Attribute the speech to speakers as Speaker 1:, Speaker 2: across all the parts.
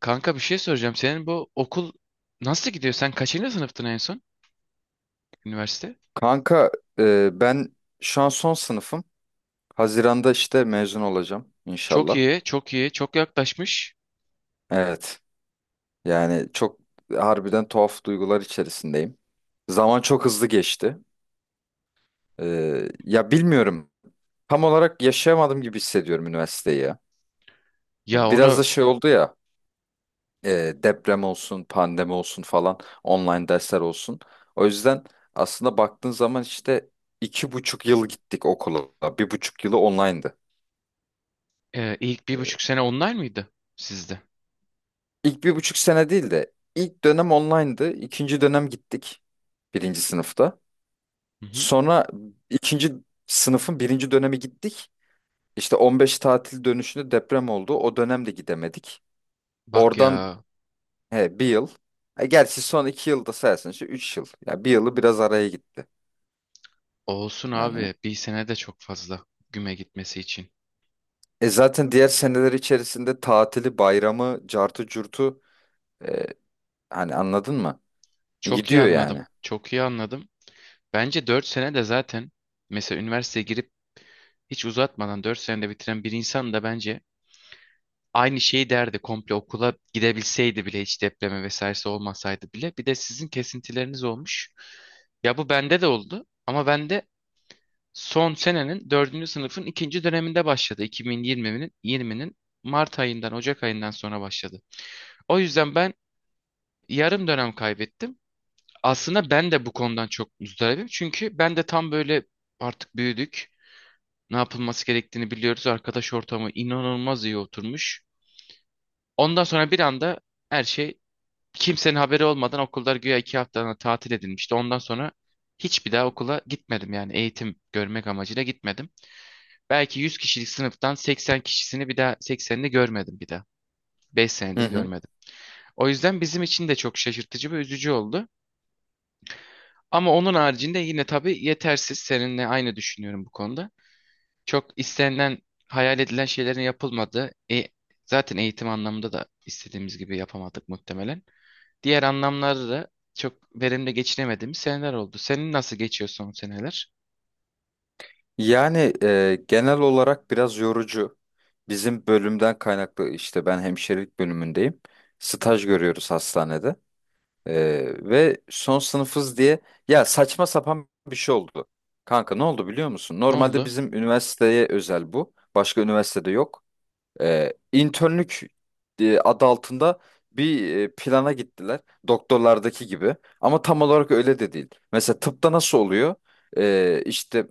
Speaker 1: Kanka bir şey soracağım. Senin bu okul nasıl gidiyor? Sen kaçıncı sınıftın en son üniversite?
Speaker 2: Kanka ben şu an son sınıfım. Haziran'da işte mezun olacağım
Speaker 1: Çok
Speaker 2: inşallah.
Speaker 1: iyi, çok iyi, çok yaklaşmış.
Speaker 2: Evet. Yani çok harbiden tuhaf duygular içerisindeyim. Zaman çok hızlı geçti. Ya bilmiyorum. Tam olarak yaşayamadım gibi hissediyorum üniversiteyi ya.
Speaker 1: Ya
Speaker 2: Biraz
Speaker 1: onu
Speaker 2: da şey oldu ya. Deprem olsun, pandemi olsun falan. Online dersler olsun. O yüzden aslında baktığın zaman işte iki buçuk yıl gittik okula. Bir buçuk yılı online'dı.
Speaker 1: ilk bir buçuk
Speaker 2: E,
Speaker 1: sene online mıydı sizde?
Speaker 2: İlk bir buçuk sene değil de ilk dönem online'dı. İkinci dönem gittik birinci sınıfta.
Speaker 1: Hı hı.
Speaker 2: Sonra ikinci sınıfın birinci dönemi gittik. İşte 15 tatil dönüşünde deprem oldu. O dönem de gidemedik.
Speaker 1: Bak
Speaker 2: Oradan
Speaker 1: ya
Speaker 2: he, bir yıl. Gerçi son iki yılda sayarsın işte üç yıl. Ya bir yılı biraz araya gitti.
Speaker 1: olsun
Speaker 2: Yani
Speaker 1: abi 1 sene de çok fazla güme gitmesi için.
Speaker 2: zaten diğer seneler içerisinde tatili, bayramı, cartı curtu e, hani anladın mı?
Speaker 1: Çok iyi
Speaker 2: Gidiyor
Speaker 1: anladım,
Speaker 2: yani.
Speaker 1: çok iyi anladım. Bence 4 sene de zaten mesela üniversiteye girip hiç uzatmadan 4 senede bitiren bir insan da bence aynı şeyi derdi komple okula gidebilseydi bile hiç depremi vesairesi olmasaydı bile. Bir de sizin kesintileriniz olmuş. Ya bu bende de oldu ama bende son senenin dördüncü sınıfın ikinci döneminde başladı. 2020'nin 20'nin Mart ayından Ocak ayından sonra başladı. O yüzden ben yarım dönem kaybettim. Aslında ben de bu konudan çok muzdaribim. Çünkü ben de tam böyle artık büyüdük. Ne yapılması gerektiğini biliyoruz. Arkadaş ortamı inanılmaz iyi oturmuş. Ondan sonra bir anda her şey. Kimsenin haberi olmadan okullar güya 2 haftalığına tatil edilmişti. Ondan sonra hiçbir daha okula gitmedim, yani eğitim görmek amacıyla gitmedim. Belki 100 kişilik sınıftan 80 kişisini bir daha, 80'ini görmedim bir daha. 5
Speaker 2: Hı
Speaker 1: senedir
Speaker 2: hı.
Speaker 1: görmedim. O yüzden bizim için de çok şaşırtıcı ve üzücü oldu. Ama onun haricinde yine tabii yetersiz. Seninle aynı düşünüyorum bu konuda. Çok istenilen, hayal edilen şeylerin yapılmadığı, zaten eğitim anlamında da istediğimiz gibi yapamadık muhtemelen. Diğer anlamlarda da çok verimli geçinemediğimiz seneler oldu. Senin nasıl geçiyor son seneler?
Speaker 2: Yani genel olarak biraz yorucu. Bizim bölümden kaynaklı işte ben hemşirelik bölümündeyim. Staj görüyoruz hastanede. E, Ve son sınıfız diye ya saçma sapan bir şey oldu. Kanka ne oldu biliyor musun?
Speaker 1: Ne
Speaker 2: Normalde
Speaker 1: oldu?
Speaker 2: bizim üniversiteye özel bu. Başka üniversitede yok. İnternlük adı altında bir plana gittiler. Doktorlardaki gibi. Ama tam olarak öyle de değil. Mesela tıpta nasıl oluyor? İşte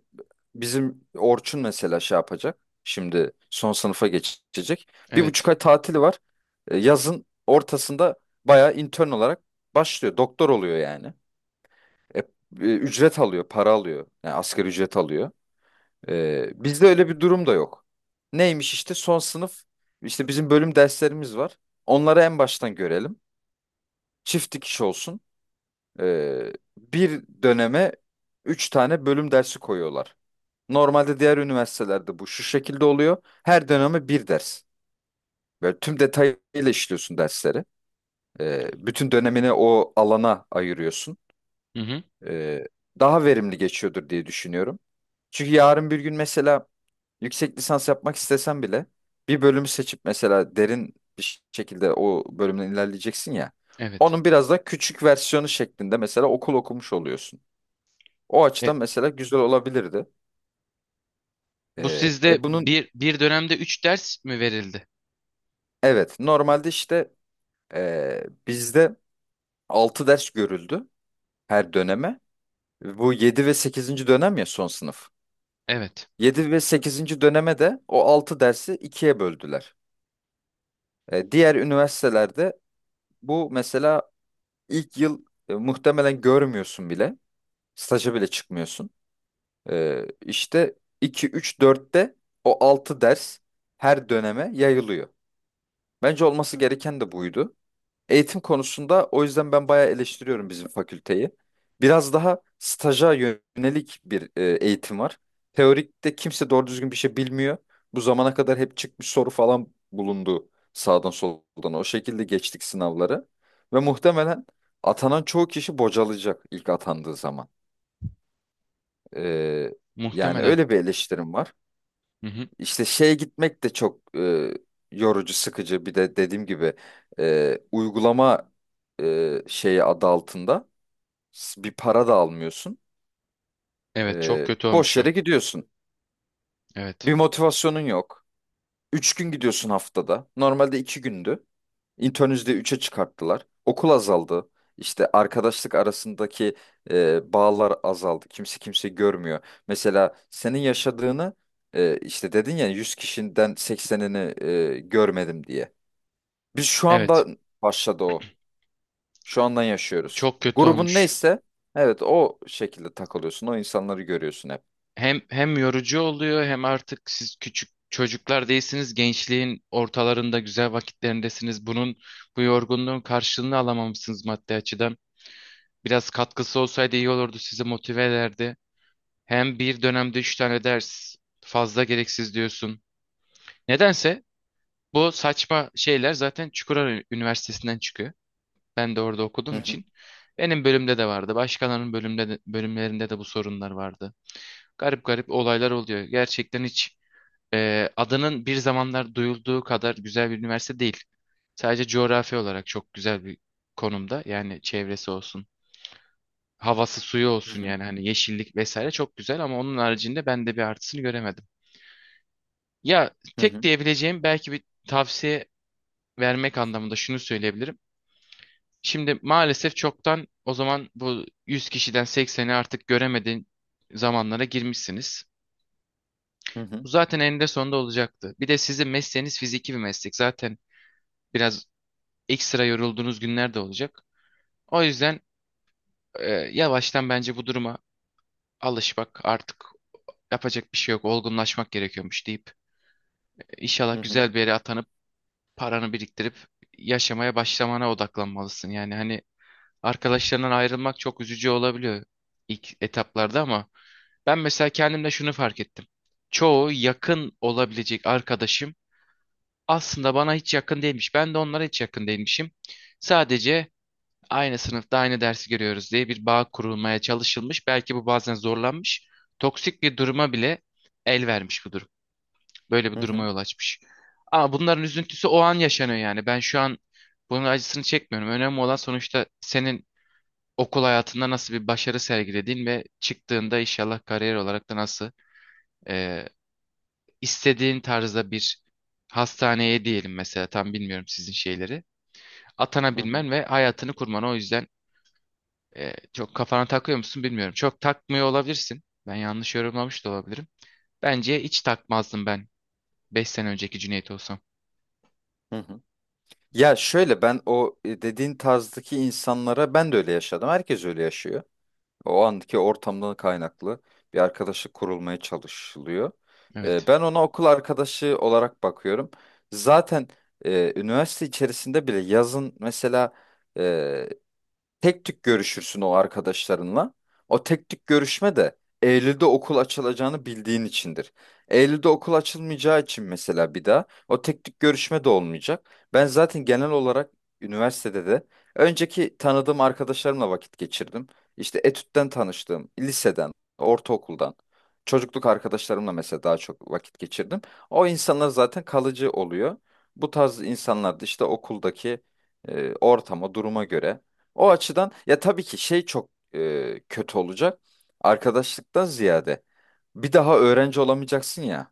Speaker 2: bizim Orçun mesela şey yapacak. Şimdi son sınıfa geçecek. Bir
Speaker 1: Evet.
Speaker 2: buçuk ay tatili var. Yazın ortasında bayağı intern olarak başlıyor. Doktor oluyor yani. E, e, Ücret alıyor, para alıyor. Yani asgari ücret alıyor. Bizde öyle bir durum da yok. Neymiş işte son sınıf işte bizim bölüm derslerimiz var. Onları en baştan görelim. Çift dikiş olsun. Ee, Bir döneme üç tane bölüm dersi koyuyorlar. Normalde diğer üniversitelerde bu şu şekilde oluyor. Her döneme bir ders. Böyle tüm detayıyla işliyorsun dersleri. Bütün dönemini o alana ayırıyorsun.
Speaker 1: Hı hı.
Speaker 2: Ee, Daha verimli geçiyordur diye düşünüyorum. Çünkü yarın bir gün mesela yüksek lisans yapmak istesen bile bir bölümü seçip mesela derin bir şekilde o bölümden ilerleyeceksin ya.
Speaker 1: Evet.
Speaker 2: Onun biraz da küçük versiyonu şeklinde mesela okul okumuş oluyorsun. O
Speaker 1: E,
Speaker 2: açıdan mesela güzel olabilirdi.
Speaker 1: Bu
Speaker 2: Ee,
Speaker 1: sizde
Speaker 2: e bunun
Speaker 1: bir dönemde 3 ders mi verildi?
Speaker 2: evet normalde işte bizde 6 ders görüldü her döneme. Bu 7 ve sekizinci dönem ya son sınıf.
Speaker 1: Evet.
Speaker 2: Yedi ve sekizinci döneme de o 6 dersi ikiye böldüler. Diğer üniversitelerde bu mesela İlk yıl muhtemelen görmüyorsun bile. Staja bile çıkmıyorsun. İşte 2, 3, 4'te o 6 ders her döneme yayılıyor. Bence olması gereken de buydu. Eğitim konusunda o yüzden ben bayağı eleştiriyorum bizim fakülteyi. Biraz daha staja yönelik bir eğitim var. Teorikte kimse doğru düzgün bir şey bilmiyor. Bu zamana kadar hep çıkmış soru falan bulundu sağdan soldan. O şekilde geçtik sınavları. Ve muhtemelen atanan çoğu kişi bocalayacak ilk atandığı zaman. Ee, Yani
Speaker 1: Muhtemelen.
Speaker 2: öyle bir eleştirim var.
Speaker 1: Hı hı.
Speaker 2: İşte şeye gitmek de çok yorucu, sıkıcı. Bir de dediğim gibi uygulama şeyi adı altında bir para da almıyorsun.
Speaker 1: Evet, çok kötü
Speaker 2: Boş
Speaker 1: olmuş o.
Speaker 2: yere gidiyorsun.
Speaker 1: Evet.
Speaker 2: Bir motivasyonun yok. Üç gün gidiyorsun haftada. Normalde iki gündü. İnternüzde üçe çıkarttılar. Okul azaldı. İşte arkadaşlık arasındaki bağlar azaldı. Kimse kimse görmüyor. Mesela senin yaşadığını işte dedin ya 100 kişiden seksenini görmedim diye. Biz şu
Speaker 1: Evet.
Speaker 2: anda başladı o. Şu andan yaşıyoruz.
Speaker 1: Çok kötü
Speaker 2: Grubun
Speaker 1: olmuş.
Speaker 2: neyse evet o şekilde takılıyorsun. O insanları görüyorsun hep.
Speaker 1: Hem yorucu oluyor hem artık siz küçük çocuklar değilsiniz. Gençliğin ortalarında güzel vakitlerindesiniz. Bunun bu yorgunluğun karşılığını alamamışsınız maddi açıdan. Biraz katkısı olsaydı iyi olurdu, sizi motive ederdi. Hem bir dönemde 3 tane ders fazla gereksiz diyorsun. Nedense bu saçma şeyler zaten Çukurova Üniversitesi'nden çıkıyor. Ben de orada
Speaker 2: Hı
Speaker 1: okuduğum
Speaker 2: hı.
Speaker 1: için. Benim bölümde de vardı. Bölümlerinde de bu sorunlar vardı. Garip garip olaylar oluyor. Gerçekten hiç adının bir zamanlar duyulduğu kadar güzel bir üniversite değil. Sadece coğrafi olarak çok güzel bir konumda. Yani çevresi olsun, havası suyu
Speaker 2: Hı
Speaker 1: olsun,
Speaker 2: hı.
Speaker 1: yani hani yeşillik vesaire çok güzel, ama onun haricinde ben de bir artısını göremedim. Ya
Speaker 2: Hı
Speaker 1: tek
Speaker 2: hı.
Speaker 1: diyebileceğim, belki bir tavsiye vermek anlamında şunu söyleyebilirim. Şimdi maalesef çoktan o zaman bu 100 kişiden 80'i artık göremediğin zamanlara girmişsiniz.
Speaker 2: Hı
Speaker 1: Bu
Speaker 2: hı.
Speaker 1: zaten eninde sonunda olacaktı. Bir de sizin mesleğiniz fiziki bir meslek. Zaten biraz ekstra yorulduğunuz günler de olacak. O yüzden e, yavaştan bence bu duruma alışmak, artık yapacak bir şey yok. Olgunlaşmak gerekiyormuş deyip İnşallah
Speaker 2: Hı hı.
Speaker 1: güzel bir yere atanıp paranı biriktirip yaşamaya başlamana odaklanmalısın. Yani hani arkadaşlarından ayrılmak çok üzücü olabiliyor ilk etaplarda, ama ben mesela kendimde şunu fark ettim. Çoğu yakın olabilecek arkadaşım aslında bana hiç yakın değilmiş. Ben de onlara hiç yakın değilmişim. Sadece aynı sınıfta aynı dersi görüyoruz diye bir bağ kurulmaya çalışılmış. Belki bu bazen zorlanmış. Toksik bir duruma bile el vermiş bu durum. Böyle
Speaker 2: Hı
Speaker 1: bir duruma
Speaker 2: hı.
Speaker 1: yol açmış. Ama bunların üzüntüsü o an yaşanıyor yani. Ben şu an bunun acısını çekmiyorum. Önemli olan sonuçta senin okul hayatında nasıl bir başarı sergilediğin ve çıktığında inşallah kariyer olarak da nasıl e, istediğin tarzda bir hastaneye diyelim mesela, tam bilmiyorum sizin şeyleri.
Speaker 2: Hı hı.
Speaker 1: Atanabilmen ve hayatını kurman. O yüzden çok kafana takıyor musun bilmiyorum. Çok takmıyor olabilirsin. Ben yanlış yorumlamış da olabilirim. Bence hiç takmazdım ben 5 sene önceki Cüneyt olsam.
Speaker 2: Hı hı. Ya şöyle ben o dediğin tarzdaki insanlara ben de öyle yaşadım. Herkes öyle yaşıyor. O andaki ortamdan kaynaklı bir arkadaşlık kurulmaya çalışılıyor.
Speaker 1: Evet.
Speaker 2: Ben ona okul arkadaşı olarak bakıyorum. Zaten üniversite içerisinde bile yazın mesela e, tek tük görüşürsün o arkadaşlarınla. O tek tük görüşme de Eylül'de okul açılacağını bildiğin içindir. Eylül'de okul açılmayacağı için mesela bir daha o tek tük görüşme de olmayacak. Ben zaten genel olarak üniversitede de önceki tanıdığım arkadaşlarımla vakit geçirdim. İşte etütten tanıştığım, liseden, ortaokuldan, çocukluk arkadaşlarımla mesela daha çok vakit geçirdim. O insanlar zaten kalıcı oluyor. Bu tarz insanlar da işte okuldaki ortama, duruma göre o açıdan ya tabii ki şey çok kötü olacak. Arkadaşlıktan ziyade bir daha öğrenci olamayacaksın ya.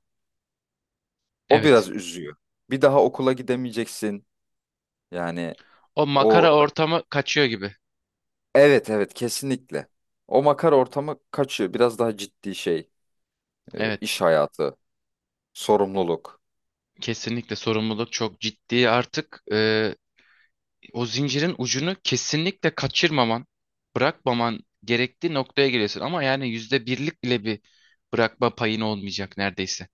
Speaker 2: O
Speaker 1: Evet.
Speaker 2: biraz üzüyor. Bir daha okula gidemeyeceksin. Yani
Speaker 1: O
Speaker 2: o
Speaker 1: makara ortamı kaçıyor gibi.
Speaker 2: evet evet kesinlikle. O makar ortamı kaçıyor. Biraz daha ciddi şey,
Speaker 1: Evet.
Speaker 2: iş hayatı, sorumluluk.
Speaker 1: Kesinlikle sorumluluk çok ciddi artık. O zincirin ucunu kesinlikle kaçırmaman, bırakmaman gerektiği noktaya geliyorsun. Ama yani yüzde birlik bile bir bırakma payın olmayacak neredeyse.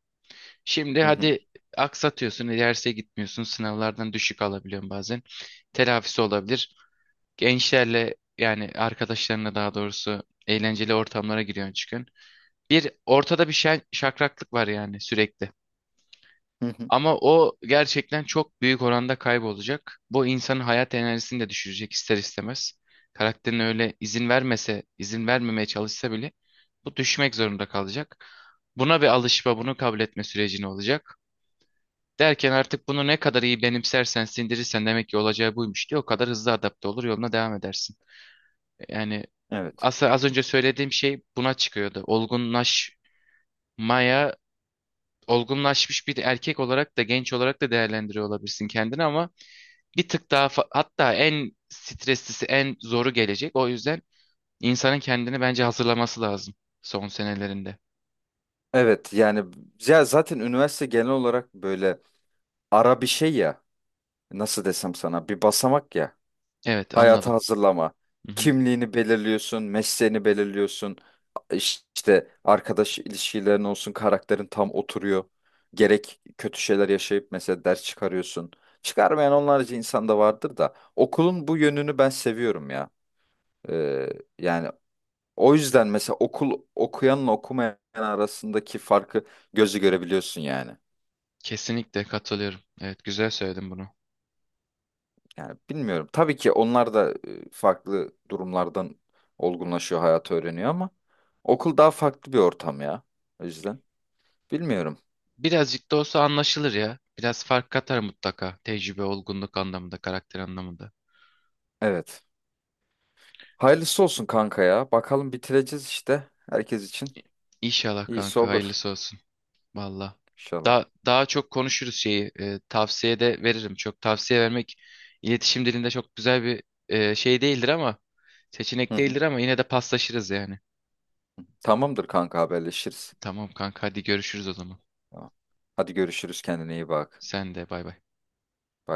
Speaker 1: Şimdi
Speaker 2: Hı hı,
Speaker 1: hadi aksatıyorsun, derse gitmiyorsun, sınavlardan düşük alabiliyorsun bazen. Telafisi olabilir. Gençlerle, yani arkadaşlarına daha doğrusu, eğlenceli ortamlara giriyorsun çıkıyorsun. Bir ortada bir şey şakraklık var yani, sürekli.
Speaker 2: hı hı.
Speaker 1: Ama o gerçekten çok büyük oranda kaybolacak. Bu insanın hayat enerjisini de düşürecek ister istemez. Karakterin öyle izin vermese, izin vermemeye çalışsa bile bu düşmek zorunda kalacak. Buna bir alışma, bunu kabul etme sürecini olacak. Derken artık bunu ne kadar iyi benimsersen, sindirirsen, demek ki olacağı buymuş diye, o kadar hızlı adapte olur, yoluna devam edersin. Yani
Speaker 2: Evet.
Speaker 1: aslında az önce söylediğim şey buna çıkıyordu. Olgunlaşmaya, olgunlaşmış bir erkek olarak da genç olarak da değerlendiriyor olabilirsin kendini, ama bir tık daha hatta en streslisi, en zoru gelecek. O yüzden insanın kendini bence hazırlaması lazım son senelerinde.
Speaker 2: Evet yani ya zaten üniversite genel olarak böyle ara bir şey ya. Nasıl desem sana bir basamak ya.
Speaker 1: Evet,
Speaker 2: Hayata
Speaker 1: anladım.
Speaker 2: hazırlama.
Speaker 1: Hı hı.
Speaker 2: Kimliğini belirliyorsun, mesleğini belirliyorsun. İşte arkadaş ilişkilerin olsun, karakterin tam oturuyor. Gerek kötü şeyler yaşayıp mesela ders çıkarıyorsun. Çıkarmayan onlarca insan da vardır da okulun bu yönünü ben seviyorum ya. Ee, Yani o yüzden mesela okul okuyanla okumayan arasındaki farkı gözü görebiliyorsun yani.
Speaker 1: Kesinlikle katılıyorum. Evet, güzel söyledin bunu.
Speaker 2: Yani bilmiyorum. Tabii ki onlar da farklı durumlardan olgunlaşıyor, hayatı öğreniyor ama okul daha farklı bir ortam ya. O yüzden bilmiyorum.
Speaker 1: Birazcık da olsa anlaşılır ya. Biraz fark katar mutlaka. Tecrübe, olgunluk anlamında, karakter anlamında.
Speaker 2: Evet. Hayırlısı olsun kanka ya. Bakalım bitireceğiz işte. Herkes için
Speaker 1: İnşallah
Speaker 2: iyisi
Speaker 1: kanka,
Speaker 2: olur
Speaker 1: hayırlısı olsun. Valla.
Speaker 2: inşallah.
Speaker 1: Daha çok konuşuruz şeyi. Tavsiye de veririm. Çok tavsiye vermek iletişim dilinde çok güzel bir şey değildir ama,
Speaker 2: Hı
Speaker 1: seçenek
Speaker 2: hı.
Speaker 1: değildir ama, yine de paslaşırız yani.
Speaker 2: Tamamdır kanka haberleşiriz.
Speaker 1: Tamam kanka, hadi görüşürüz o zaman.
Speaker 2: Tamam. Hadi görüşürüz kendine iyi bak.
Speaker 1: Sen de bay bay.
Speaker 2: Bay bay.